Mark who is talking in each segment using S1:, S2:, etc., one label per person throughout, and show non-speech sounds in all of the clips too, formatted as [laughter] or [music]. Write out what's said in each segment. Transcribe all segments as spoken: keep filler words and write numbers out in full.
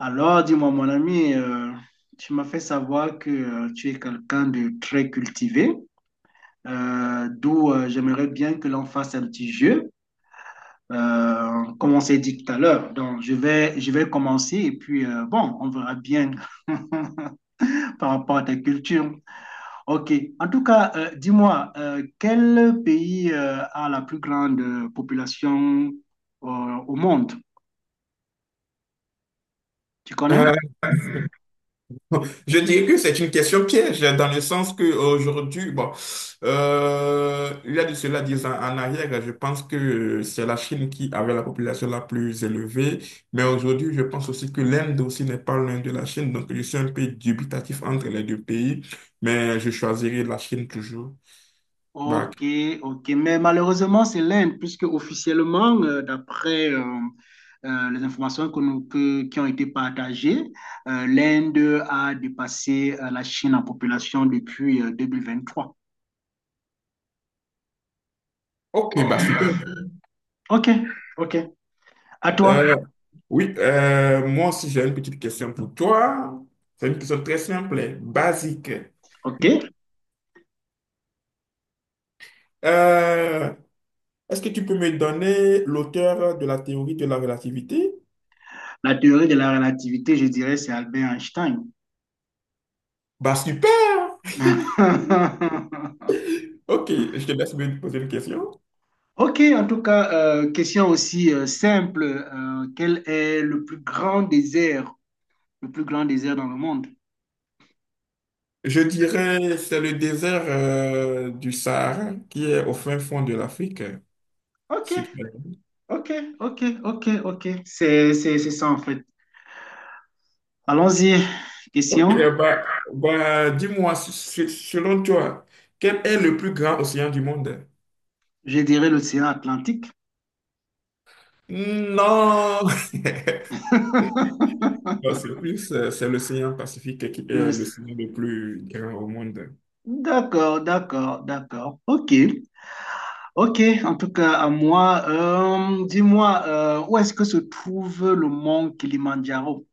S1: Alors, dis-moi, mon ami, euh, tu m'as fait savoir que euh, tu es quelqu'un de très cultivé, euh, d'où euh, j'aimerais bien que l'on fasse un petit jeu, euh, comme on s'est dit tout à l'heure. Donc, je vais, je vais commencer et puis, euh, bon, on verra bien [laughs] par rapport à ta culture. OK. En tout cas, euh, dis-moi, euh, quel pays euh, a la plus grande euh, population euh, au monde? Tu connais?
S2: Euh, [laughs] je dirais que c'est une question piège dans le sens que aujourd'hui, bon, euh, il y a de cela dix ans en arrière, je pense que c'est la Chine qui avait la population la plus élevée, mais aujourd'hui, je pense aussi que l'Inde aussi n'est pas loin de la Chine, donc je suis un peu dubitatif entre les deux pays, mais je choisirai la Chine toujours. Bah,
S1: Ok, ok. Mais malheureusement, c'est l'Inde, puisque officiellement, euh, d'après euh, euh, les informations que nous- que- qui ont été partagées, euh, l'Inde a dépassé euh, la Chine en population depuis euh, trois.
S2: ok, bah super.
S1: Ok, ok. À toi.
S2: Euh, oui, euh, moi aussi j'ai une petite question pour toi. C'est une question très simple, basique.
S1: Ok.
S2: Hmm. Euh, Est-ce que tu peux me donner l'auteur de la théorie de la relativité?
S1: La théorie de la relativité, je dirais, c'est Albert Einstein.
S2: Bah super! [laughs]
S1: [laughs]
S2: Ok, je te laisse me poser une question.
S1: Ok, en tout cas, euh, question aussi euh, simple. Euh, quel est le plus grand désert, le plus grand désert dans le monde?
S2: Je dirais c'est le désert euh, du Sahara qui est au fin fond de l'Afrique.
S1: Ok.
S2: Si tu-
S1: Ok, ok, ok, ok. C'est, c'est, c'est ça en fait. Allons-y.
S2: Ok,
S1: Question.
S2: euh, bah, bah, dis-moi, s- s- selon toi, quel est le plus grand océan du monde?
S1: Je dirais l'océan Atlantique.
S2: Hmm, non! [laughs]
S1: [laughs]
S2: Non, c'est plus, euh, c'est l'océan Pacifique qui est
S1: Le-
S2: l'océan le plus grand au monde.
S1: D'accord, d'accord, d'accord. Ok, ok. En tout cas, à moi, euh, dis-moi, euh, où est-ce que se trouve le mont Kilimandjaro?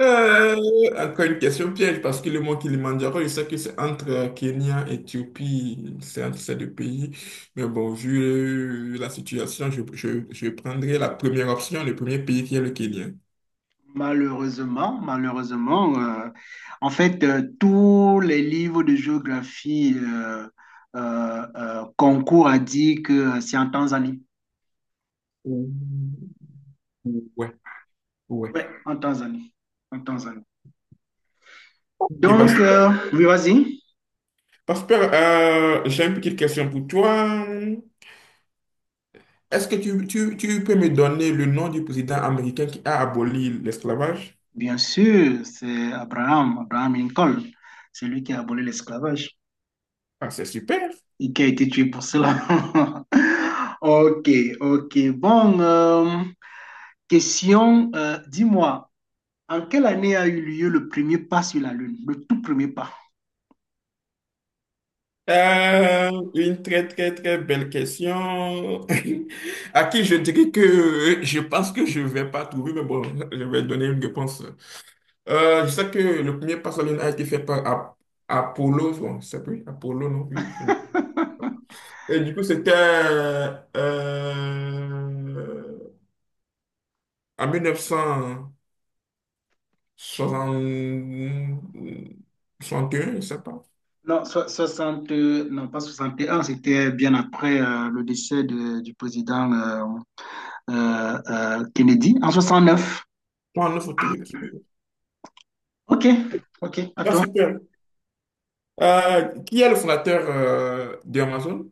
S2: Euh, Encore une question piège, parce que le mot Kilimandjaro, je sais que c'est entre Kenya, Éthiopie, c'est entre ces deux pays. Mais bon, vu euh, la situation, je, je, je prendrai la première option, le premier pays qui est le Kenya.
S1: Malheureusement, malheureusement, euh, en fait, euh, tous les livres de géographie euh, euh, euh, concourent à dire que c'est en Tanzanie.
S2: Ouh, ouais, ouais.
S1: Oui, en Tanzanie. En Tanzanie.
S2: Et bah,
S1: Donc,
S2: super.
S1: euh, oui, vas-y.
S2: Bah, super. Euh, j'ai une petite question pour toi. Est-ce que tu, tu, tu peux me donner le nom du président américain qui a aboli l'esclavage?
S1: Bien sûr, c'est Abraham, Abraham Lincoln. C'est lui qui a aboli l'esclavage
S2: Ah, c'est super.
S1: et qui a été tué pour cela. [laughs] Ok, ok. Bon, euh, question, euh, dis-moi, en quelle année a eu lieu le premier pas sur la Lune? Le tout premier pas.
S2: Euh, une très très très belle question. [laughs] À qui je dirais que je pense que je vais pas trouver, mais bon, je vais donner une réponse. Euh, je sais que le premier pas sur la Lune a été fait par Ap- Apollo, bon, c'est plus Apollo, non, oui.
S1: [laughs]
S2: Et du coup, c'était euh, en mille neuf cent soixante et un, je sais pas.
S1: Non, so- soixante, euh, non, pas soixante et un. C'était bien après euh, le décès de- du président. euh, euh, euh, Kennedy en soixante neuf.
S2: Non, non, faut trouver.
S1: Ok, ok,
S2: Ah,
S1: attends.
S2: super. Euh, qui est le fondateur euh, d'Amazon?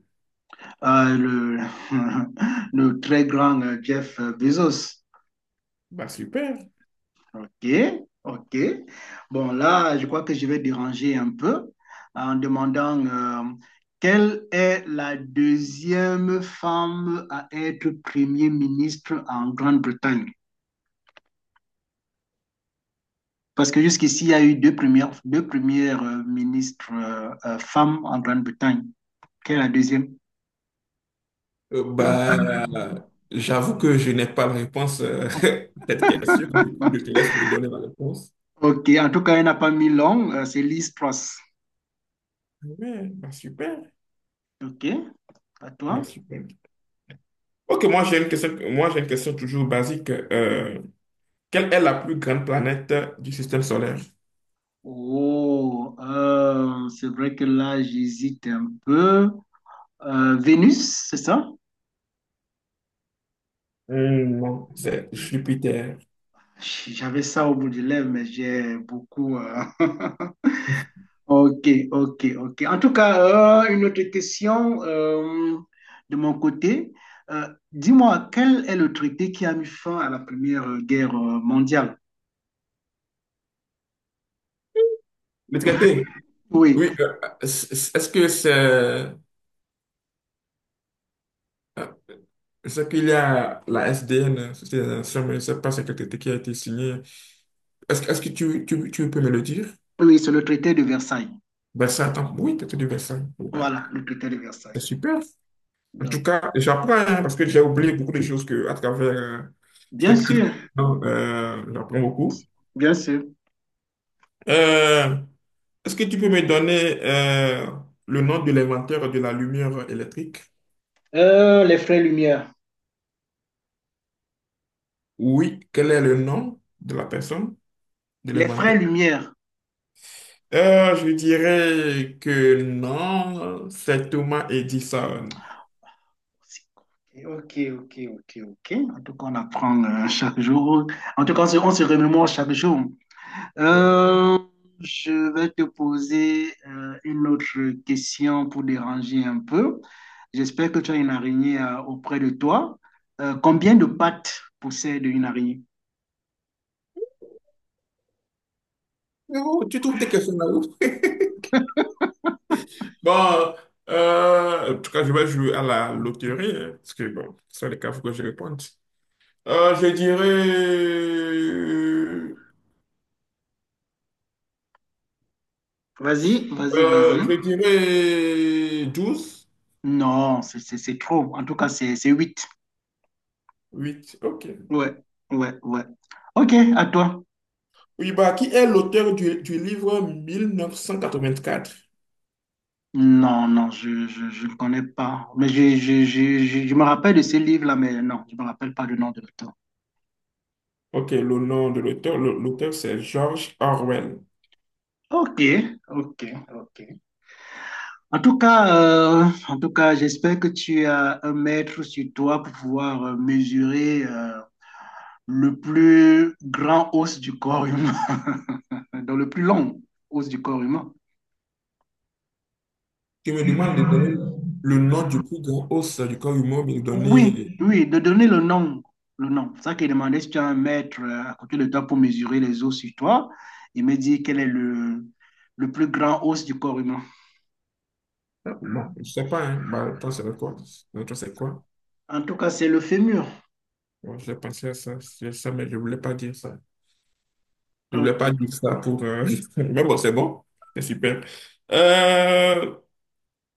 S1: Euh, le, [laughs] le très grand euh, Jeff Bezos.
S2: Bah, super.
S1: Ok, ok. Bon, là, je crois que je vais déranger un peu en demandant euh, quelle est la deuxième femme à être Premier ministre en Grande-Bretagne? Parce que jusqu'ici, il y a eu deux premières, deux premières euh, ministres euh, euh, femmes en Grande-Bretagne. Quelle est la deuxième?
S2: Euh, bah, j'avoue que je n'ai pas la réponse euh, [laughs] à cette question. Du coup, je
S1: [laughs]
S2: te laisse me donner la réponse.
S1: Ok, en tout cas, elle n'a pas mis long. Euh, c'est Liz Truss.
S2: Ouais, bah, super.
S1: Ok, à
S2: Bah,
S1: toi.
S2: super. Ok, moi j'ai une question, moi j'ai une question toujours basique. Euh, quelle est la plus grande planète du système solaire?
S1: Oh, euh, c'est vrai que là, j'hésite un peu. Euh, Vénus, c'est ça?
S2: Hmm, non, c'est Jupiter.
S1: J'avais ça au bout des lèvres, mais j'ai beaucoup. Euh, [laughs]
S2: [laughs]
S1: Ok, ok, ok. En tout cas, euh, une autre question euh, de mon côté. Euh, dis-moi, quel est le traité qui a mis fin à la Première Guerre mondiale?
S2: Le traité?
S1: Oui,
S2: Oui, euh, c- est-ce que c'est... euh, C'est qu'il y a la S D N, Société des Nations, mais je ne sais pas c'est quel traité qui a été signé. Est-ce, que- est-ce que tu, tu, tu peux me le dire?
S1: oui, c'est le traité de Versailles.
S2: Versailles, attends, oui, traité de Versailles. Ouais,
S1: Voilà, le critère de Versailles.
S2: c'est super. En
S1: Donc,
S2: tout cas, j'apprends hein, parce que j'ai oublié beaucoup de choses que, à travers euh,
S1: bien
S2: cette petite.
S1: sûr,
S2: Euh, j'apprends beaucoup.
S1: bien sûr.
S2: Euh, Est-ce que tu peux me donner euh, le nom de l'inventeur de la lumière électrique?
S1: Euh, les frères Lumière.
S2: Oui, quel est le nom de la personne, de
S1: Les
S2: l'inventeur?
S1: frères Lumière.
S2: Euh, je dirais que non, c'est Thomas Edison.
S1: Ok, ok, ok, ok. En tout cas, on apprend euh, chaque jour. En tout cas, on se, on se remémore chaque jour.
S2: Ouais.
S1: Euh, je vais te poser euh, une autre question pour déranger un peu. J'espère que tu as une araignée euh, auprès de toi. Euh, combien de pattes possède une araignée?
S2: Mais bon, tu trouves tes questions là-haut? [laughs] Bon, euh, en tout cas, je vais jouer à la loterie, hein, parce que bon, c'est le cas, il faut que je réponde. Euh, je dirais,
S1: Vas-y, vas-y, vas-y.
S2: euh, je dirais douze.
S1: Non, c'est c'est- c'est trop. En tout cas, c'est c'est huit.
S2: Huit, ok.
S1: Ouais, ouais, ouais. Ok, à toi.
S2: Oui, bah, qui est l'auteur du, du livre mille neuf cent quatre-vingt-quatre?
S1: Non, non, je, je, je ne connais pas. Mais je, je, je, je, je me rappelle de ce livre-là, mais non, je ne me rappelle pas du nom de l'auteur.
S2: Ok, le nom de l'auteur, le- l'auteur c'est George Orwell.
S1: Ok, ok, ok. En tout cas, euh, en tout cas, j'espère que tu as un mètre sur toi pour pouvoir euh, mesurer euh, le plus grand os du corps humain, [laughs] dans le plus long os du corps humain.
S2: Tu me demandes de donner le nom du plus grand os du corps humain, mais de
S1: Oui,
S2: donner.
S1: oui, de donner le nom. Le nom. C'est ça qu'il demandait si tu as un mètre euh, à côté de toi pour mesurer les os sur toi. Il me dit quel est le, le plus grand os du corps humain.
S2: Ah, bon, je sais pas, hein. Bah, toi, c'est quoi? Bah, toi, c'est quoi?
S1: En tout cas, c'est le fémur.
S2: Bon, j'ai pensé à ça, c'est ça, mais je voulais pas dire ça. Je voulais pas
S1: Ok.
S2: dire ça pour, euh, [laughs] mais bon, c'est bon. C'est super. Euh,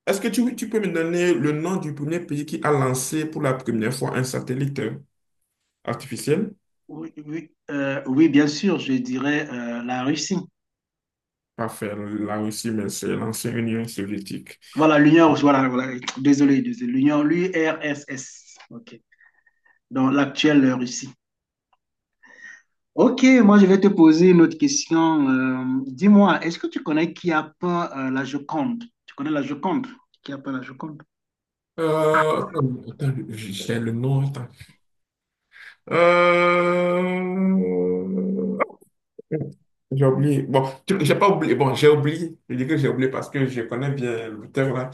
S2: Est-ce que tu, tu peux me donner le nom du premier pays qui a lancé pour la première fois un satellite euh, artificiel?
S1: Oui, oui, euh, oui, bien sûr, je dirais euh, la Russie.
S2: Parfait, la Russie, mais c'est l'ancienne Union soviétique.
S1: Voilà, l'Union, voilà, voilà, désolé, désolé, l'Union, l'U R S S. Ok. Donc, l'actuelle Russie. Ok, moi je vais te poser une autre question. Euh, dis-moi, est-ce que tu connais qui a peint euh, la Joconde? Tu connais la Joconde? Qui a peint la Joconde?
S2: Euh, attends, attends, j'ai j'ai le nom. Attends. Euh, J'ai oublié. Bon, tu- j'ai pas oublié. Bon, j'ai oublié. Je dis que j'ai oublié parce que je connais bien l'auteur là.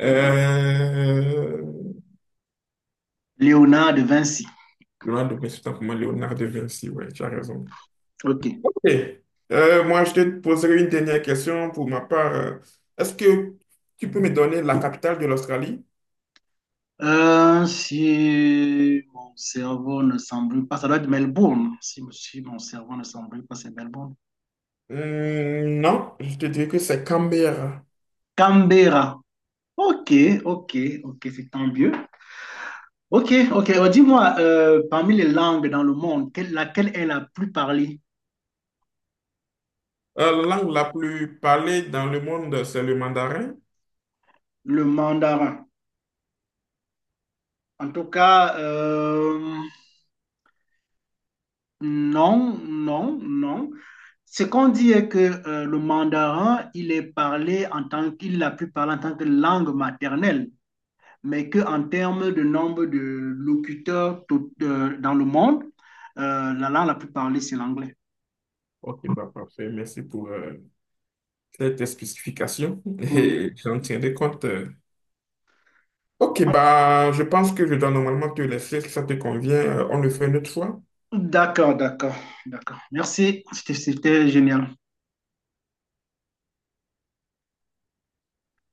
S2: Euh...
S1: Léonard de Vinci.
S2: Leonardo, mais c'est pas pour moi, Léonard de Vinci, ouais, tu as raison.
S1: Ok.
S2: Ok. Euh, moi, je te poserai une dernière question pour ma part. Euh, Est-ce que tu peux me donner la capitale de l'Australie?
S1: Euh, si mon cerveau ne s'embrouille pas, ça doit être Melbourne. Si, si mon cerveau ne s'embrouille pas, c'est Melbourne.
S2: Hum, non, je te dirais que c'est Canberra.
S1: Canberra. Ok, ok, ok, c'est tant mieux. Ok, ok. Euh, dis-moi, euh, parmi les langues dans le monde, quelle- laquelle est la plus parlée?
S2: Euh, la langue la plus parlée dans le monde, c'est le mandarin.
S1: Le mandarin. En tout cas, euh, non, non, non. Ce qu'on dit est que euh, le mandarin, il est parlé en tant qu'il a pu parler en tant que langue maternelle, mais qu'en termes de nombre de locuteurs tout- euh, dans le monde, euh, la langue la plus parlée, c'est l'anglais.
S2: Ok, bah parfait. Merci pour euh, cette spécification [laughs]
S1: Oui.
S2: et j'en tiendrai compte. euh. Ok, bah je pense que je dois normalement te laisser si ça te convient. Euh, on le fait une autre fois.
S1: D'accord, d'accord, d'accord. Merci, c'était c'était génial.